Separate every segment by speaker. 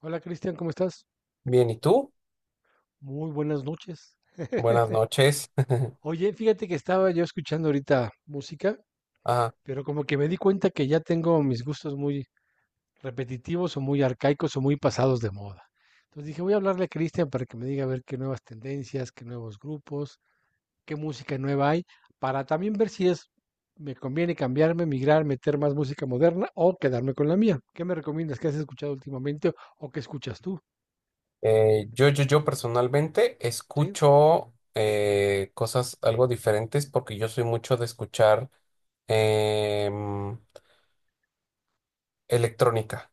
Speaker 1: Hola Cristian, ¿cómo estás?
Speaker 2: Bien, ¿y tú?
Speaker 1: Muy buenas noches.
Speaker 2: Buenas noches.
Speaker 1: Oye, fíjate que estaba yo escuchando ahorita música,
Speaker 2: Ajá.
Speaker 1: pero como que me di cuenta que ya tengo mis gustos muy repetitivos o muy arcaicos o muy pasados de moda. Entonces dije, voy a hablarle a Cristian para que me diga a ver qué nuevas tendencias, qué nuevos grupos, qué música nueva hay, para también ver si es, me conviene cambiarme, migrar, meter más música moderna o quedarme con la mía. ¿Qué me recomiendas? ¿Qué has escuchado últimamente o qué escuchas tú?
Speaker 2: Yo personalmente
Speaker 1: ¿Sí?
Speaker 2: escucho cosas algo diferentes porque yo soy mucho de escuchar em, electrónica.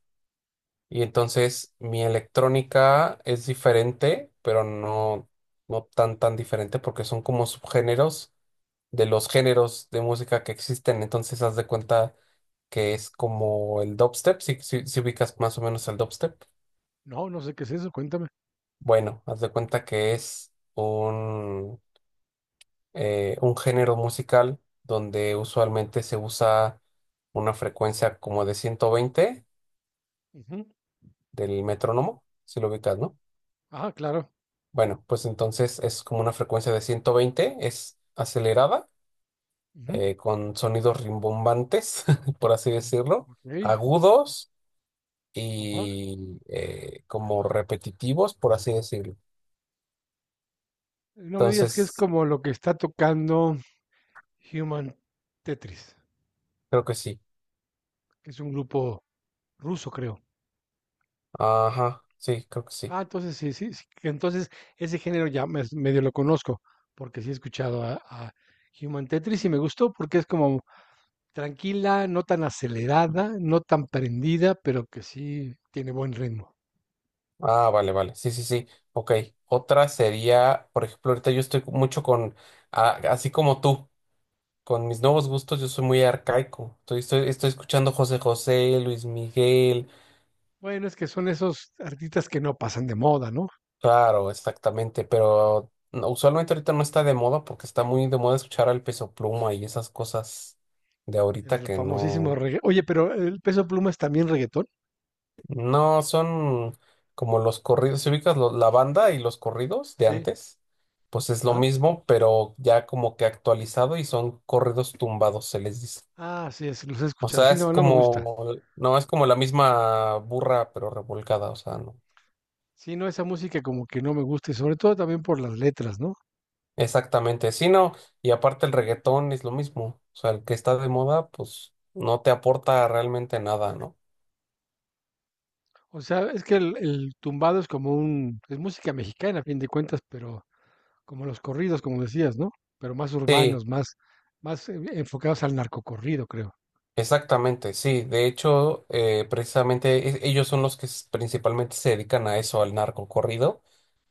Speaker 2: Y entonces mi electrónica es diferente, pero no, no tan diferente porque son como subgéneros de los géneros de música que existen. Entonces, haz de cuenta que es como el dubstep, si ubicas más o menos el dubstep.
Speaker 1: No, no sé qué es eso, cuéntame.
Speaker 2: Bueno, haz de cuenta que es un género musical donde usualmente se usa una frecuencia como de 120 del metrónomo, si lo ubicas, ¿no?
Speaker 1: Ajá, claro.
Speaker 2: Bueno, pues entonces es como una frecuencia de 120, es acelerada,
Speaker 1: Ujú,
Speaker 2: con sonidos rimbombantes, por así decirlo,
Speaker 1: okey,
Speaker 2: agudos
Speaker 1: ajá.
Speaker 2: y como repetitivos, por así decirlo.
Speaker 1: No me digas que es
Speaker 2: Entonces,
Speaker 1: como lo que está tocando Human Tetris,
Speaker 2: creo que sí.
Speaker 1: que es un grupo ruso, creo.
Speaker 2: Ajá, sí, creo que sí.
Speaker 1: Ah, entonces sí, sí, sí, que entonces ese género ya mes medio lo conozco, porque sí he escuchado a Human Tetris y me gustó porque es como tranquila, no tan acelerada, no tan prendida, pero que sí tiene buen ritmo.
Speaker 2: Ah, vale, vale. Sí, sí, sí. Ok. Otra sería, por ejemplo, ahorita yo estoy mucho así como tú, con mis nuevos gustos, yo soy muy arcaico. Estoy escuchando José José, Luis Miguel.
Speaker 1: Bueno, es que son esos artistas que no pasan de moda, ¿no?
Speaker 2: Claro, exactamente. Pero no, usualmente ahorita no está de moda porque está muy de moda escuchar al Peso Pluma y esas cosas de ahorita
Speaker 1: El
Speaker 2: que
Speaker 1: famosísimo
Speaker 2: no.
Speaker 1: regga oye, pero, ¿el Peso Pluma es también reguetón?
Speaker 2: No, son como los corridos, si ubicas la banda y los corridos de
Speaker 1: Sí.
Speaker 2: antes, pues es lo
Speaker 1: Ajá.
Speaker 2: mismo, pero ya como que actualizado y son corridos tumbados, se les dice.
Speaker 1: Ah, sí, es, los he
Speaker 2: O
Speaker 1: escuchado.
Speaker 2: sea,
Speaker 1: Sí,
Speaker 2: es
Speaker 1: no, no me gusta.
Speaker 2: como, no, es como la misma burra, pero revolcada, o sea, no.
Speaker 1: Sí, no, esa música como que no me gusta, y sobre todo también por las letras, ¿no?
Speaker 2: Exactamente, sí, no, y aparte el reggaetón es lo mismo, o sea, el que está de moda, pues no te aporta realmente nada, ¿no?
Speaker 1: O sea, es que el tumbado es como un, es música mexicana, a fin de cuentas, pero como los corridos, como decías, ¿no? Pero más
Speaker 2: Sí.
Speaker 1: urbanos, más, más enfocados al narcocorrido, creo.
Speaker 2: Exactamente, sí. De hecho, precisamente ellos son los que principalmente se dedican a eso, al narco corrido,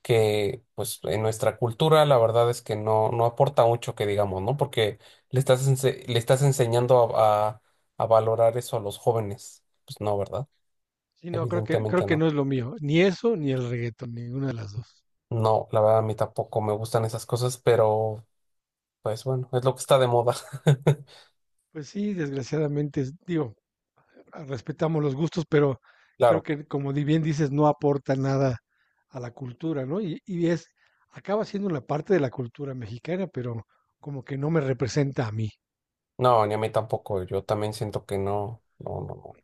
Speaker 2: que pues en nuestra cultura la verdad es que no, no aporta mucho que digamos, ¿no? Porque le estás enseñando a valorar eso a los jóvenes. Pues no, ¿verdad?
Speaker 1: Sí, no, creo
Speaker 2: Evidentemente
Speaker 1: que
Speaker 2: no.
Speaker 1: no es lo mío, ni eso, ni el reggaetón, ninguna de las dos.
Speaker 2: No, la verdad a mí tampoco me gustan esas cosas, pero pues bueno, es lo que está de moda.
Speaker 1: Pues sí, desgraciadamente, es- digo, ah, respetamos los gustos, pero creo
Speaker 2: Claro,
Speaker 1: que como di- bien dices, no aporta nada a la cultura, ¿no? Y es, acaba siendo una parte de la cultura mexicana, pero como que no me representa a mí.
Speaker 2: no, ni a mí tampoco. Yo también siento que no, no, no. no.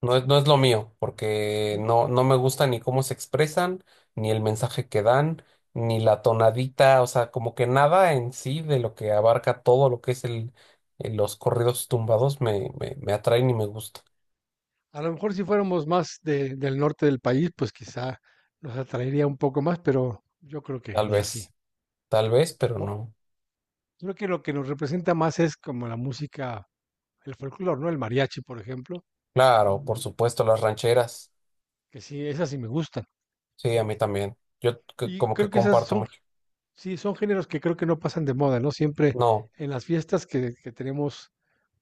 Speaker 2: No es lo mío, porque
Speaker 1: Mm.
Speaker 2: no, no me gusta ni cómo se expresan, ni el mensaje que dan, ni la tonadita, o sea, como que nada en sí de lo que abarca todo lo que es los corridos tumbados me atraen y me gusta.
Speaker 1: A lo mejor si fuéramos más de- del norte del país, pues quizá nos atraería un poco más, pero yo creo que
Speaker 2: Tal
Speaker 1: ni así.
Speaker 2: vez, tal vez, pero
Speaker 1: O-
Speaker 2: no.
Speaker 1: Creo que lo que nos representa más es como la música el folclore, ¿no? El mariachi, por ejemplo,
Speaker 2: Claro, por supuesto, las rancheras.
Speaker 1: que sí, esas sí me gustan.
Speaker 2: Sí, a mí también.
Speaker 1: Y
Speaker 2: Como que
Speaker 1: creo que esas
Speaker 2: comparto
Speaker 1: son,
Speaker 2: mucho.
Speaker 1: sí, son géneros que creo que no pasan de moda, ¿no? Siempre
Speaker 2: No,
Speaker 1: en las fiestas que tenemos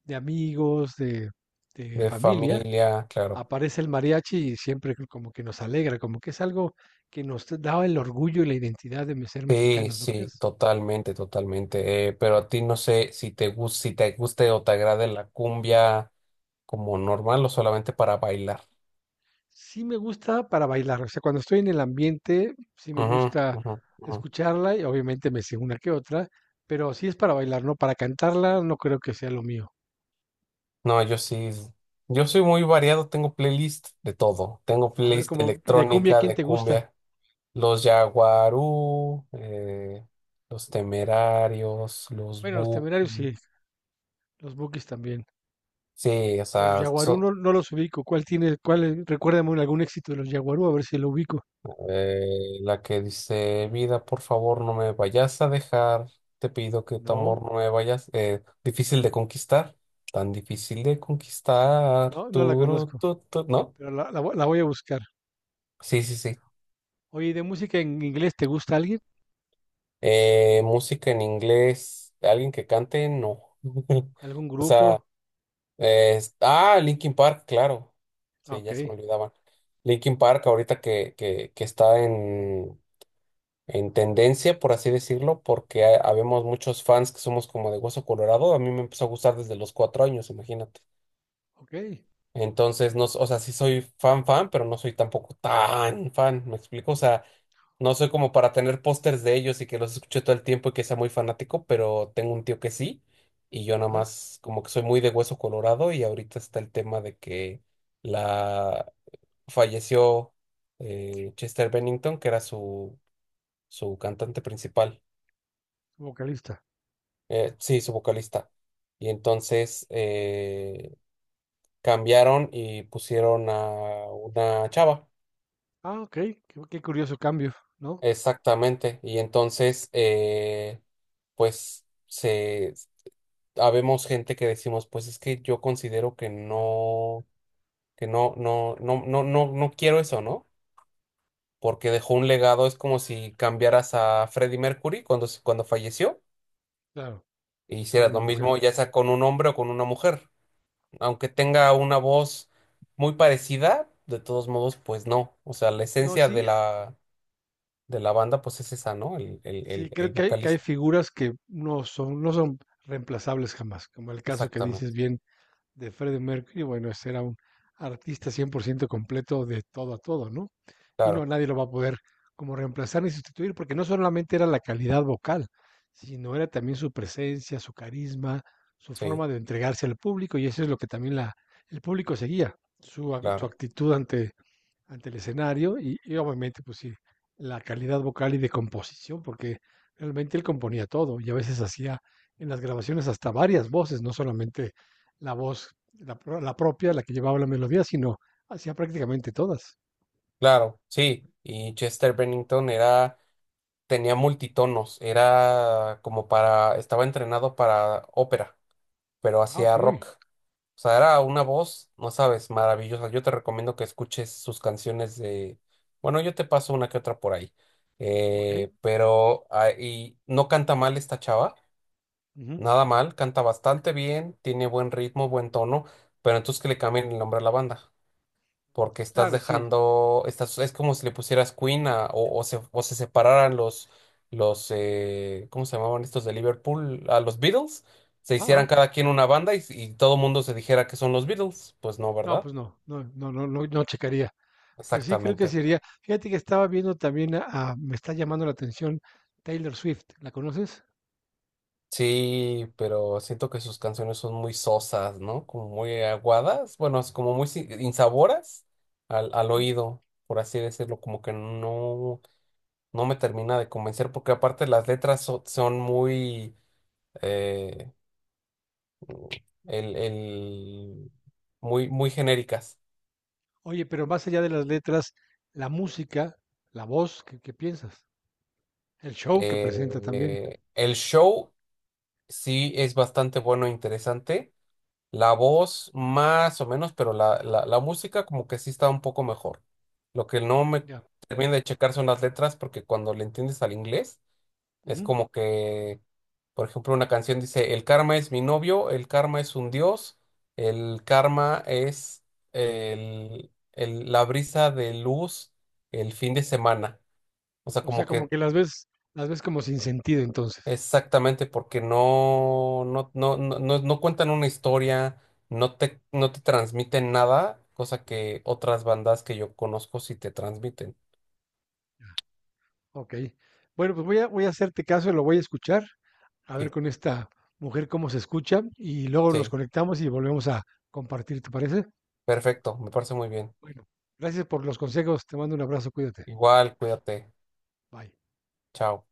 Speaker 1: de amigos, de
Speaker 2: de
Speaker 1: familia,
Speaker 2: familia, claro.
Speaker 1: aparece el mariachi y siempre como que nos alegra, como que es algo que nos da el orgullo y la identidad de ser
Speaker 2: Sí,
Speaker 1: mexicanos, ¿no
Speaker 2: sí,
Speaker 1: crees?
Speaker 2: totalmente, totalmente. Pero a ti no sé si te gusta, si te guste o te agrade la cumbia como normal o solamente para bailar.
Speaker 1: Sí me gusta para bailar, o sea, cuando estoy en el ambiente, sí me
Speaker 2: Ujú,
Speaker 1: gusta
Speaker 2: ujú, ujú.
Speaker 1: escucharla y obviamente me sé una que otra, pero sí es para bailar, ¿no? Para cantarla no creo que sea lo mío.
Speaker 2: No, yo sí, yo soy muy variado, tengo playlist de todo. Tengo
Speaker 1: A ver,
Speaker 2: playlist
Speaker 1: como de cumbia,
Speaker 2: electrónica
Speaker 1: ¿quién
Speaker 2: de
Speaker 1: te gusta?
Speaker 2: cumbia, los Yaguarú, los Temerarios, los
Speaker 1: Bueno, los Temerarios
Speaker 2: Buki.
Speaker 1: sí, los Bukis también.
Speaker 2: Sí, o
Speaker 1: Los
Speaker 2: sea,
Speaker 1: Yaguarú no, no los ubico. ¿Cuál tiene, cuál, es? Recuérdame un- algún éxito de los Yaguarú, a ver si lo ubico.
Speaker 2: La que dice, vida, por favor, no me vayas a dejar, te pido que tu
Speaker 1: No,
Speaker 2: amor no me vayas, difícil de conquistar, tan difícil de conquistar,
Speaker 1: no, no la
Speaker 2: turu,
Speaker 1: conozco,
Speaker 2: tu", ¿no?
Speaker 1: pero la vo- la voy a buscar.
Speaker 2: Sí, sí, sí.
Speaker 1: Oye, ¿y ¿de música en inglés te gusta alguien?
Speaker 2: Música en inglés, alguien que cante, no.
Speaker 1: ¿Algún
Speaker 2: O
Speaker 1: grupo?
Speaker 2: sea, Linkin Park, claro.
Speaker 1: Ah,
Speaker 2: Sí,
Speaker 1: ok,
Speaker 2: ya se me olvidaba. Linkin Park, ahorita que está en tendencia, por así decirlo, porque habemos muchos fans que somos como de hueso colorado. A mí me empezó a gustar desde los 4 años, imagínate.
Speaker 1: ok.
Speaker 2: Entonces, no, o sea, sí soy fan, fan, pero no soy tampoco tan fan, ¿me explico? O sea, no soy como para tener pósters de ellos y que los escuche todo el tiempo y que sea muy fanático, pero tengo un tío que sí, y yo nada
Speaker 1: Ajá,
Speaker 2: más como que soy muy de hueso colorado y ahorita está el tema de que la falleció Chester Bennington, que era su, su cantante principal.
Speaker 1: vocalista.
Speaker 2: Sí, su vocalista. Y entonces cambiaron y pusieron a una chava.
Speaker 1: Ah, okey, qué qué curioso cambio, ¿no?
Speaker 2: Exactamente. Y entonces, pues, se habemos gente que decimos, pues es que yo considero que no, no, no, no, no, no quiero eso, ¿no? Porque dejó un legado, es como si cambiaras a Freddie Mercury cuando falleció
Speaker 1: Claro,
Speaker 2: e
Speaker 1: para
Speaker 2: hicieras
Speaker 1: una
Speaker 2: lo
Speaker 1: mujer.
Speaker 2: mismo, ya sea con un hombre o con una mujer. Aunque tenga una voz muy parecida, de todos modos, pues no. O sea, la
Speaker 1: No,
Speaker 2: esencia de
Speaker 1: sí, ah,
Speaker 2: de la banda, pues es esa, ¿no? El, el,
Speaker 1: sí,
Speaker 2: el, el
Speaker 1: creo que hay
Speaker 2: vocalista.
Speaker 1: figuras que no son no son reemplazables jamás, como el caso que dices
Speaker 2: Exactamente.
Speaker 1: bien de Freddie Mercury, bueno, ese era un artista 100% completo de todo a todo, ¿no? Y no,
Speaker 2: Claro,
Speaker 1: nadie lo va a poder como reemplazar ni sustituir, porque no solamente era la calidad vocal, sino era también su presencia, su carisma, su
Speaker 2: sí,
Speaker 1: forma de entregarse al público, y eso es lo que también la el público seguía, su ac su
Speaker 2: claro,
Speaker 1: actitud ante ante el escenario y obviamente, pues sí, la calidad vocal y de composición, porque realmente él componía todo y a veces hacía en las grabaciones hasta varias voces, no solamente la voz, la, pro- la propia, la que llevaba la melodía, sino hacía prácticamente todas.
Speaker 2: claro, sí. Y Chester Bennington era, tenía multitonos, era como para, estaba entrenado para ópera, pero
Speaker 1: Ah,
Speaker 2: hacía
Speaker 1: ok.
Speaker 2: rock. O sea, era una voz, no sabes, maravillosa. Yo te recomiendo que escuches sus canciones de... Bueno, yo te paso una que otra por ahí.
Speaker 1: Ok.
Speaker 2: Pero y no canta mal esta chava,
Speaker 1: Ujú.
Speaker 2: nada mal, canta bastante bien, tiene buen ritmo, buen tono, pero entonces que le cambien el nombre a la banda porque estás
Speaker 1: Claro, sí.
Speaker 2: dejando, estás, es como si le pusieras Queen o se separaran los, los ¿cómo se llamaban estos de Liverpool? A los Beatles, se
Speaker 1: Ah,
Speaker 2: hicieran
Speaker 1: ah,
Speaker 2: cada quien una banda y todo el mundo se dijera que son los Beatles, pues no,
Speaker 1: no,
Speaker 2: ¿verdad?
Speaker 1: pues no, no, no, no, no, no checaría. Pues sí, creo que
Speaker 2: Exactamente.
Speaker 1: sería. Fíjate que estaba viendo también a- me está llamando la atención Taylor Swift. ¿La conoces?
Speaker 2: Sí, pero siento que sus canciones son muy sosas, ¿no? Como muy aguadas, bueno, es como muy insaboras al oído, por así decirlo, como que no, no me termina de convencer, porque aparte las letras son muy eh, el, el- muy, muy genéricas.
Speaker 1: Oye, pero más allá de las letras, la música, la voz, ¿qué, qué piensas? El show que presenta también.
Speaker 2: El show sí es bastante bueno e interesante. La voz más o menos, pero la música como que sí está un poco mejor. Lo que no me
Speaker 1: Ya.
Speaker 2: termina de checar son las letras, porque cuando le entiendes al inglés, es
Speaker 1: Ujú.
Speaker 2: como que, por ejemplo, una canción dice, el karma es mi novio, el karma es un dios, el karma es la brisa de luz el fin de semana. O sea,
Speaker 1: O sea,
Speaker 2: como
Speaker 1: como
Speaker 2: que
Speaker 1: que las ves como sin sentido entonces.
Speaker 2: exactamente porque no, no, no, no, no cuentan una historia, no te, no te transmiten nada, cosa que otras bandas que yo conozco sí te transmiten.
Speaker 1: Ok. Bueno, pues voy a, voy a hacerte caso, lo voy a escuchar, a ver
Speaker 2: Sí,
Speaker 1: con esta mujer cómo se escucha y luego nos
Speaker 2: sí,
Speaker 1: conectamos y volvemos a compartir, ¿te parece?
Speaker 2: perfecto, me parece muy bien.
Speaker 1: Bueno, gracias por los consejos, te mando un abrazo, cuídate.
Speaker 2: Igual, cuídate,
Speaker 1: Bye.
Speaker 2: chao.